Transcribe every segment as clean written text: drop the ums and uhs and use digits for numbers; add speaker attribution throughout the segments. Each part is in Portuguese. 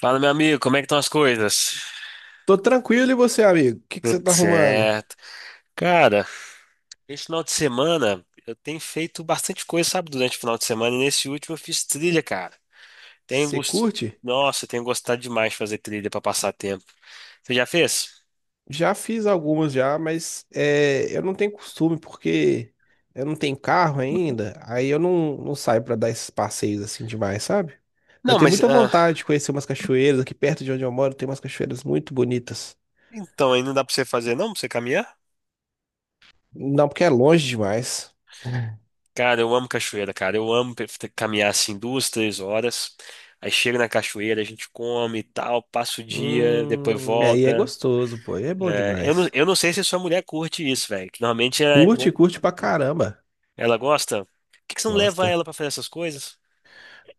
Speaker 1: Fala, meu amigo, como é que estão as coisas?
Speaker 2: Tô tranquilo e você, amigo? O que que você
Speaker 1: Tudo
Speaker 2: tá arrumando?
Speaker 1: certo. Cara, esse final de semana eu tenho feito bastante coisa, sabe, durante o final de semana, e nesse último eu fiz trilha, cara. Tenho
Speaker 2: Você
Speaker 1: gost...
Speaker 2: curte?
Speaker 1: Nossa, eu tenho gostado demais de fazer trilha pra passar tempo. Você já fez?
Speaker 2: Já fiz algumas já, mas é, eu não tenho costume porque eu não tenho carro ainda, aí eu não saio pra dar esses passeios assim demais, sabe? Eu
Speaker 1: Não,
Speaker 2: tenho
Speaker 1: mas
Speaker 2: muita
Speaker 1: ah,
Speaker 2: vontade de conhecer umas cachoeiras, aqui perto de onde eu moro tem umas cachoeiras muito bonitas.
Speaker 1: então aí não dá pra você fazer, não? Pra você caminhar?
Speaker 2: Não, porque é longe demais.
Speaker 1: Cara, eu amo cachoeira, cara. Eu amo caminhar assim 2, 3 horas. Aí chega na cachoeira, a gente come e tal, passa o dia, depois
Speaker 2: Aí é
Speaker 1: volta.
Speaker 2: gostoso, pô, aí é bom
Speaker 1: É, eu não,
Speaker 2: demais.
Speaker 1: eu não sei se sua mulher curte isso, velho. Que normalmente é.
Speaker 2: Curte, curte pra caramba.
Speaker 1: Ela gosta. Por que que você não leva
Speaker 2: Gosta.
Speaker 1: ela pra fazer essas coisas?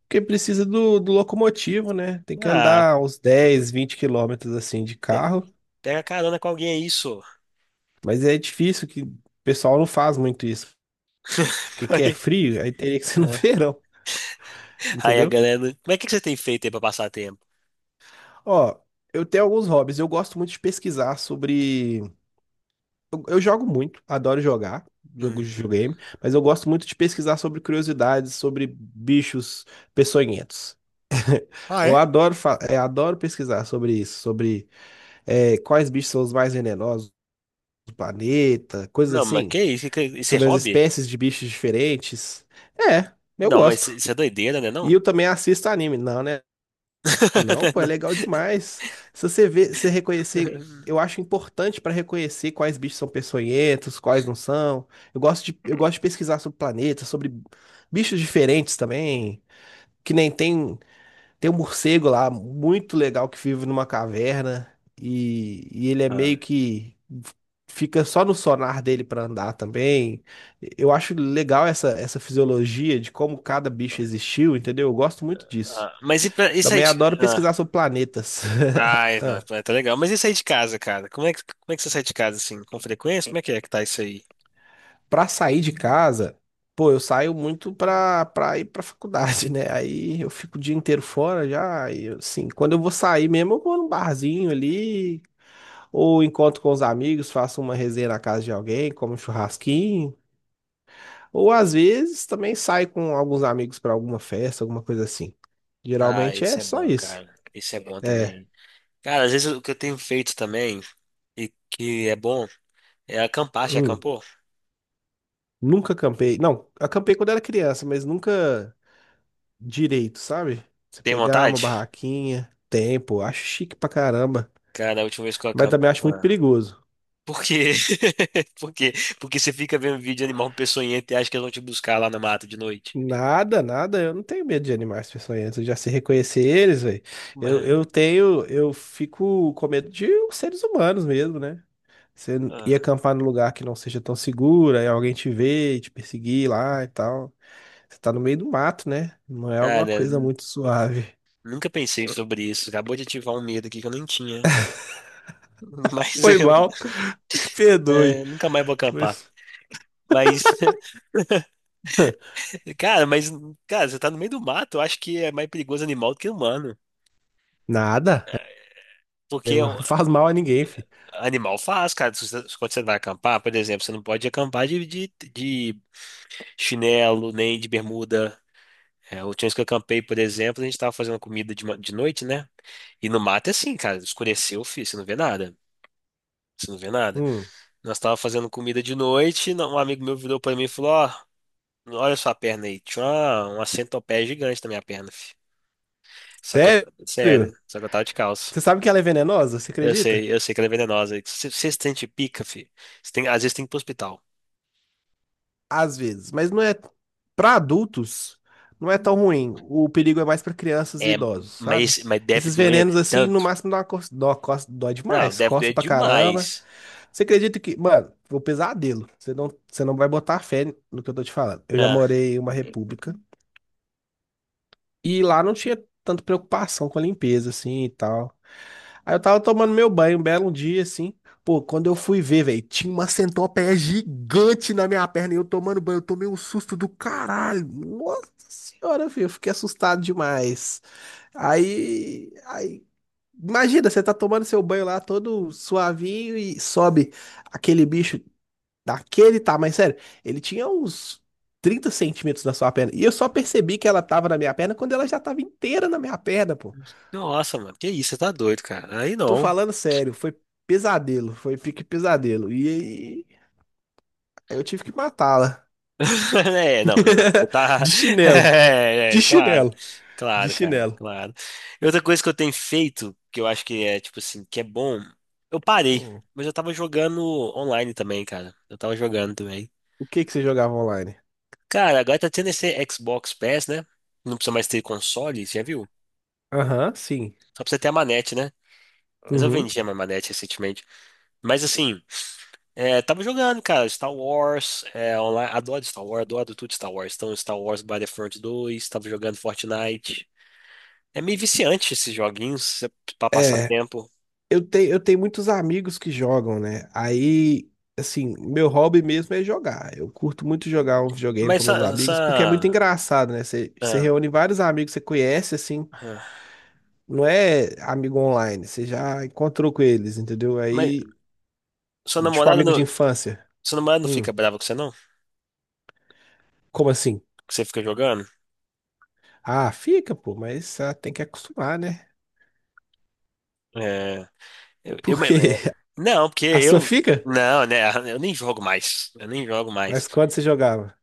Speaker 2: Porque precisa do locomotivo, né? Tem que
Speaker 1: Ah,
Speaker 2: andar uns 10, 20 quilômetros assim de
Speaker 1: pega,
Speaker 2: carro.
Speaker 1: pega carona com alguém, é isso.
Speaker 2: Mas é difícil que o pessoal não faz muito isso. Porque que é
Speaker 1: Aí,
Speaker 2: frio, aí teria que ser no
Speaker 1: é,
Speaker 2: verão,
Speaker 1: aí a
Speaker 2: entendeu?
Speaker 1: galera, né. Mas o que que você tem feito aí pra passar tempo?
Speaker 2: Ó, eu tenho alguns hobbies. Eu gosto muito de pesquisar sobre. Eu jogo muito, adoro jogar. Jogo de
Speaker 1: Uhum.
Speaker 2: videogame, mas eu gosto muito de pesquisar sobre curiosidades, sobre bichos peçonhentos.
Speaker 1: Ah,
Speaker 2: Eu
Speaker 1: é?
Speaker 2: adoro, adoro pesquisar sobre isso, sobre quais bichos são os mais venenosos do planeta, coisas
Speaker 1: Não, mas
Speaker 2: assim,
Speaker 1: que isso? Isso é
Speaker 2: sobre as
Speaker 1: hobby?
Speaker 2: espécies de bichos diferentes. É, eu
Speaker 1: Não, mas
Speaker 2: gosto.
Speaker 1: isso é doideira, né?
Speaker 2: E
Speaker 1: Não?
Speaker 2: eu também assisto anime. Não, né? Não, pô, é
Speaker 1: Não.
Speaker 2: legal demais. Se você ver, você reconhecer, eu acho importante para reconhecer quais bichos são peçonhentos, quais não são. Eu gosto de pesquisar sobre planetas, sobre bichos diferentes também, que nem tem. Tem um morcego lá, muito legal, que vive numa caverna. E ele é meio
Speaker 1: Ah,
Speaker 2: que. Fica só no sonar dele pra andar também. Eu acho legal essa fisiologia de como cada bicho existiu, entendeu? Eu gosto muito disso.
Speaker 1: ah, mas e pra, isso aí
Speaker 2: Também
Speaker 1: de.
Speaker 2: adoro
Speaker 1: Ah,
Speaker 2: pesquisar sobre planetas.
Speaker 1: ai, não,
Speaker 2: Ah,
Speaker 1: é, tá legal. Mas isso aí de casa, cara? Como é que você sai de casa assim? Com frequência? Como é que tá isso aí?
Speaker 2: pra sair de casa, pô, eu saio muito pra ir pra faculdade, né? Aí eu fico o dia inteiro fora já. E assim, quando eu vou sair mesmo, eu vou num barzinho ali ou encontro com os amigos, faço uma resenha na casa de alguém, como um churrasquinho. Ou às vezes também saio com alguns amigos para alguma festa, alguma coisa assim.
Speaker 1: Ah,
Speaker 2: Geralmente
Speaker 1: isso
Speaker 2: é
Speaker 1: é
Speaker 2: só
Speaker 1: bom,
Speaker 2: isso.
Speaker 1: cara. Isso é bom
Speaker 2: É,
Speaker 1: também. Cara, às vezes o que eu tenho feito também, e que é bom, é acampar. Já
Speaker 2: hum,
Speaker 1: acampou?
Speaker 2: nunca acampei. Não, acampei quando era criança, mas nunca direito, sabe? Você
Speaker 1: Tem
Speaker 2: pegar uma
Speaker 1: vontade?
Speaker 2: barraquinha, tempo, acho chique pra caramba,
Speaker 1: Cara, a última vez que eu
Speaker 2: mas
Speaker 1: acampei.
Speaker 2: também acho muito
Speaker 1: Ah.
Speaker 2: perigoso.
Speaker 1: Por quê? Por quê? Porque você fica vendo vídeo de animal peçonhento e acha que eles vão te buscar lá na mata de noite.
Speaker 2: Nada, nada, eu não tenho medo de animais peçonhentos, eu já sei reconhecer eles, velho. Eu fico com medo de os seres humanos mesmo, né? Ir
Speaker 1: Ah.
Speaker 2: acampar num lugar que não seja tão seguro, aí alguém te vê, e te perseguir lá e tal. Você tá no meio do mato, né? Não é alguma
Speaker 1: Cara,
Speaker 2: coisa muito suave.
Speaker 1: nunca pensei sobre isso. Acabou de ativar um medo aqui que eu nem tinha. Mas
Speaker 2: Foi
Speaker 1: eu,
Speaker 2: mal, me perdoe.
Speaker 1: é, nunca mais vou acampar.
Speaker 2: Mas-
Speaker 1: Mas cara, mas, cara, você tá no meio do mato, eu acho que é mais perigoso animal do que humano.
Speaker 2: Nada.
Speaker 1: Porque
Speaker 2: Neymar
Speaker 1: o
Speaker 2: não faz mal a ninguém, filho.
Speaker 1: animal faz, cara. Se você- Quando você vai acampar, por exemplo, você não pode acampar de chinelo, nem de bermuda. É, a última vez que eu acampei, por exemplo, a gente tava fazendo comida de noite, né? E no mato é assim, cara, escureceu, filho, você não vê nada. Você não vê nada.
Speaker 2: Hum,
Speaker 1: Nós tava fazendo comida de noite, um amigo meu virou pra mim e falou, ó, olha sua perna aí. Tinha uma centopeia gigante na minha perna, filho. Só que eu,
Speaker 2: sério?
Speaker 1: sério, só que eu tava de calça.
Speaker 2: Você sabe que ela é venenosa? Você
Speaker 1: Eu
Speaker 2: acredita?
Speaker 1: sei, eu sei que ela é venenosa. Se você sente pica, fi, você tem, às vezes tem que ir pro hospital.
Speaker 2: Às vezes, mas não é para adultos, não é tão ruim. O perigo é mais para crianças e
Speaker 1: É,
Speaker 2: idosos, sabe?
Speaker 1: mas deve
Speaker 2: Esses
Speaker 1: doer
Speaker 2: venenos assim, no
Speaker 1: tanto?
Speaker 2: máximo dá uma dó, dói
Speaker 1: Não,
Speaker 2: demais,
Speaker 1: deve doer
Speaker 2: coça pra caramba.
Speaker 1: demais.
Speaker 2: Você acredita que, mano, vou pesadelo. Você não vai botar fé no que eu tô te falando. Eu já
Speaker 1: Ah,
Speaker 2: morei em uma república e lá não tinha tanta preocupação com a limpeza, assim, e tal. Aí eu tava tomando meu banho um belo dia, assim. Pô, quando eu fui ver, velho, tinha uma centopeia gigante na minha perna e eu tomando banho. Eu tomei um susto do caralho. Nossa senhora, filho, eu fiquei assustado demais. Aí, aí, imagina, você tá tomando seu banho lá todo suavinho e sobe aquele bicho daquele tá tamanho, sério. Ele tinha uns 30 centímetros na sua perna. E eu só percebi que ela tava na minha perna quando ela já tava inteira na minha perna, pô.
Speaker 1: nossa, mano, que isso, você tá doido, cara. Aí
Speaker 2: Tô
Speaker 1: não.
Speaker 2: falando sério, foi pesadelo, foi pique pesadelo. E aí eu tive que matá-la.
Speaker 1: É, não, não. Você tá.
Speaker 2: De chinelo,
Speaker 1: É,
Speaker 2: de
Speaker 1: é, claro,
Speaker 2: chinelo, de
Speaker 1: claro, cara,
Speaker 2: chinelo.
Speaker 1: claro. E outra coisa que eu tenho feito, que eu acho que é, tipo assim, que é bom, eu parei,
Speaker 2: Hum.
Speaker 1: mas eu tava jogando online também, cara. Eu tava jogando também.
Speaker 2: O que que você jogava online?
Speaker 1: Cara, agora tá tendo esse Xbox Pass, né? Não precisa mais ter console, já viu?
Speaker 2: Aham, sim.
Speaker 1: Só precisa ter a manete, né? Mas eu
Speaker 2: Uhum.
Speaker 1: vendi a minha manete recentemente. Mas assim, é, tava jogando, cara, Star Wars, é, online. Adoro Star Wars, adoro tudo Star Wars. Então, Star Wars Battlefront 2 tava jogando Fortnite. É meio viciante esses joguinhos é pra passar
Speaker 2: É.
Speaker 1: tempo.
Speaker 2: Eu tenho muitos amigos que jogam, né? Aí, assim, meu hobby mesmo é jogar. Eu curto muito jogar um videogame
Speaker 1: Mas
Speaker 2: com meus amigos, porque é muito engraçado, né? Você
Speaker 1: ah,
Speaker 2: reúne vários amigos que você conhece, assim,
Speaker 1: ah.
Speaker 2: não é amigo online, você já encontrou com eles, entendeu?
Speaker 1: Mas
Speaker 2: Aí,
Speaker 1: sua
Speaker 2: tipo,
Speaker 1: namorada
Speaker 2: amigo de
Speaker 1: não,
Speaker 2: infância.
Speaker 1: sua namorada não
Speaker 2: Hum,
Speaker 1: fica brava com você, não?
Speaker 2: como assim?
Speaker 1: Que você fica jogando?
Speaker 2: Ah, fica, pô, mas tem que acostumar, né?
Speaker 1: É. Eu, eu-
Speaker 2: Por quê?
Speaker 1: não, porque
Speaker 2: A sua
Speaker 1: eu.
Speaker 2: fica?
Speaker 1: Não, né? Eu nem jogo mais. Eu nem jogo mais.
Speaker 2: Mas quando você jogava?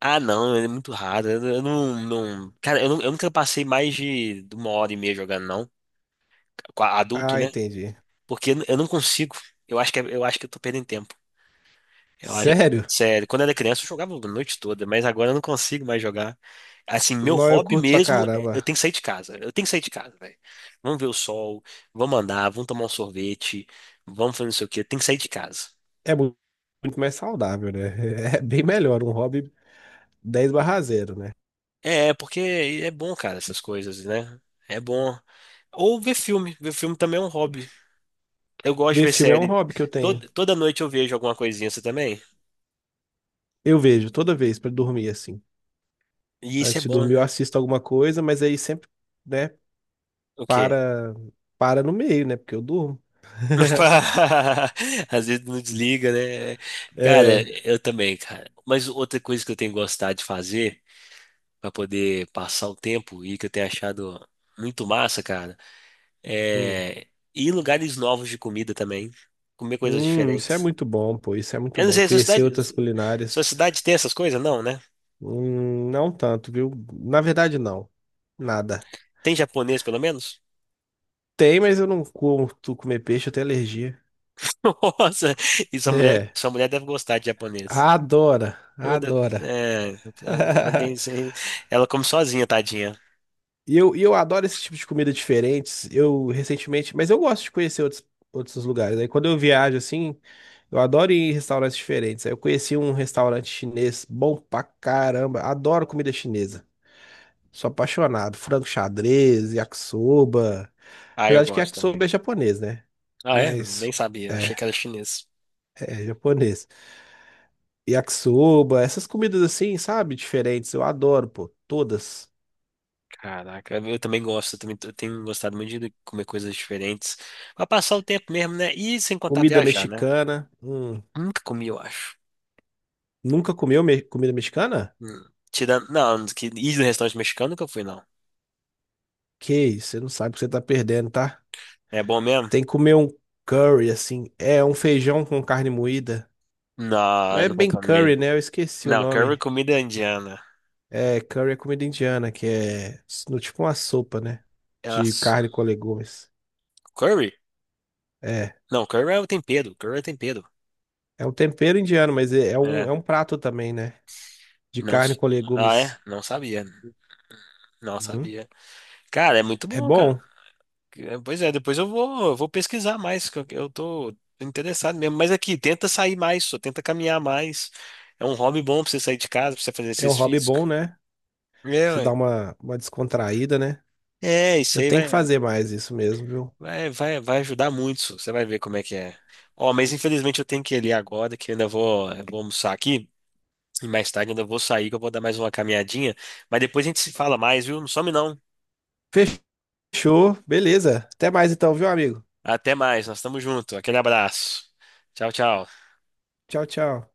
Speaker 1: Ah, não, é muito raro. Eu não, não. Cara, eu nunca passei mais de uma hora e meia jogando, não. Adulto,
Speaker 2: Ah,
Speaker 1: né?
Speaker 2: entendi.
Speaker 1: Porque eu não consigo. Eu acho que, eu acho que eu tô perdendo tempo. Eu acho que.
Speaker 2: Sério?
Speaker 1: Sério, quando eu era criança eu jogava a noite toda, mas agora eu não consigo mais jogar. Assim, meu
Speaker 2: Não, eu
Speaker 1: hobby
Speaker 2: curto pra
Speaker 1: mesmo é eu
Speaker 2: caramba.
Speaker 1: tenho que sair de casa. Eu tenho que sair de casa, velho. Vamos ver o sol, vamos andar, vamos tomar um sorvete, vamos fazer não sei o quê. Eu tenho que sair de casa.
Speaker 2: É muito mais saudável, né? É bem melhor, um hobby dez barra 0, né?
Speaker 1: É, porque é bom, cara, essas coisas, né? É bom. Ou ver filme. Ver filme também é um hobby. Eu gosto de
Speaker 2: Ver
Speaker 1: ver
Speaker 2: filme é um
Speaker 1: série.
Speaker 2: hobby que eu tenho.
Speaker 1: Toda noite eu vejo alguma coisinha, você também?
Speaker 2: Eu vejo toda vez pra dormir, assim.
Speaker 1: E isso é
Speaker 2: Antes de
Speaker 1: bom,
Speaker 2: dormir eu
Speaker 1: né?
Speaker 2: assisto alguma coisa, mas aí sempre, né,
Speaker 1: O quê?
Speaker 2: para, para no meio, né? Porque eu durmo.
Speaker 1: Às vezes não desliga, né? Cara,
Speaker 2: É,
Speaker 1: eu também, cara. Mas outra coisa que eu tenho gostado de fazer pra poder passar o tempo e que eu tenho achado muito massa, cara,
Speaker 2: hum,
Speaker 1: é ir em lugares novos de comida também. Comer coisas
Speaker 2: Isso é
Speaker 1: diferentes.
Speaker 2: muito bom, pô, isso é muito
Speaker 1: Eu não
Speaker 2: bom.
Speaker 1: sei, sua
Speaker 2: Conhecer
Speaker 1: cidade,
Speaker 2: outras
Speaker 1: sua
Speaker 2: culinárias,
Speaker 1: cidade tem essas coisas? Não, né?
Speaker 2: não tanto, viu? Na verdade, não. Nada.
Speaker 1: Tem japonês, pelo menos?
Speaker 2: Tem, mas eu não curto comer peixe, eu tenho alergia.
Speaker 1: Nossa, e sua mulher,
Speaker 2: É,
Speaker 1: sua mulher deve gostar de japonês.
Speaker 2: adora,
Speaker 1: Toda,
Speaker 2: adora.
Speaker 1: é, alguém, ela come sozinha, tadinha.
Speaker 2: E eu adoro esse tipo de comida diferentes. Eu recentemente, mas eu gosto de conhecer outros lugares. Aí quando eu viajo assim, eu adoro ir em restaurantes diferentes. Aí eu conheci um restaurante chinês bom pra caramba. Adoro comida chinesa. Sou apaixonado. Frango xadrez, yakisoba.
Speaker 1: Ah, eu
Speaker 2: Apesar de que
Speaker 1: gosto também.
Speaker 2: yakisoba é japonês, né?
Speaker 1: Ah, é? Nem
Speaker 2: Mas
Speaker 1: sabia, achei
Speaker 2: é,
Speaker 1: que era chinês.
Speaker 2: é japonês. Yakisoba, essas comidas assim, sabe? Diferentes. Eu adoro, pô. Todas.
Speaker 1: Caraca, eu também gosto, eu também tenho gostado muito de comer coisas diferentes. Pra passar o tempo mesmo, né? E sem contar
Speaker 2: Comida
Speaker 1: viajar, né?
Speaker 2: mexicana.
Speaker 1: Nunca comi, eu acho.
Speaker 2: Nunca comeu comida mexicana?
Speaker 1: Hum. Tirando, não, que ir no restaurante mexicano nunca fui, não.
Speaker 2: Que isso, você não sabe o que você tá perdendo, tá?
Speaker 1: É bom mesmo?
Speaker 2: Tem que comer um curry, assim. É um feijão com carne moída. Não
Speaker 1: Não,
Speaker 2: é
Speaker 1: não vai
Speaker 2: bem curry,
Speaker 1: comer.
Speaker 2: né? Eu esqueci o
Speaker 1: Não, curry é
Speaker 2: nome.
Speaker 1: comida indiana.
Speaker 2: É, curry é comida indiana, que é no, tipo uma sopa, né? De
Speaker 1: Elas.
Speaker 2: carne com legumes.
Speaker 1: Curry?
Speaker 2: É,
Speaker 1: Não, curry é o tempero. Curry é o tempero.
Speaker 2: é um tempero indiano, mas
Speaker 1: É,
Speaker 2: é um prato também, né? De
Speaker 1: não.
Speaker 2: carne com
Speaker 1: Ah, é?
Speaker 2: legumes.
Speaker 1: Não sabia. Não
Speaker 2: Uhum.
Speaker 1: sabia. Cara, é muito
Speaker 2: É
Speaker 1: bom, cara.
Speaker 2: bom,
Speaker 1: É, pois é, depois eu vou pesquisar mais, que eu tô interessado mesmo. Mas aqui, tenta sair mais, só tenta caminhar mais. É um hobby bom pra você sair de casa, pra você fazer
Speaker 2: é um
Speaker 1: exercício
Speaker 2: hobby
Speaker 1: físico.
Speaker 2: bom, né?
Speaker 1: É,
Speaker 2: Você dá
Speaker 1: ué.
Speaker 2: uma descontraída, né?
Speaker 1: É, isso
Speaker 2: Eu
Speaker 1: aí
Speaker 2: tenho
Speaker 1: vai.
Speaker 2: que fazer mais isso mesmo,
Speaker 1: Vai, vai, vai ajudar muito. Você vai ver como é que é. Ó, mas infelizmente eu tenho que ir ali agora, que eu vou almoçar aqui. E mais tarde ainda vou sair, que eu vou dar mais uma caminhadinha. Mas depois a gente se fala mais, viu? Não some não.
Speaker 2: viu? Show, beleza. Até mais então, viu, amigo?
Speaker 1: Até mais, nós estamos juntos. Aquele abraço. Tchau, tchau.
Speaker 2: Tchau, tchau.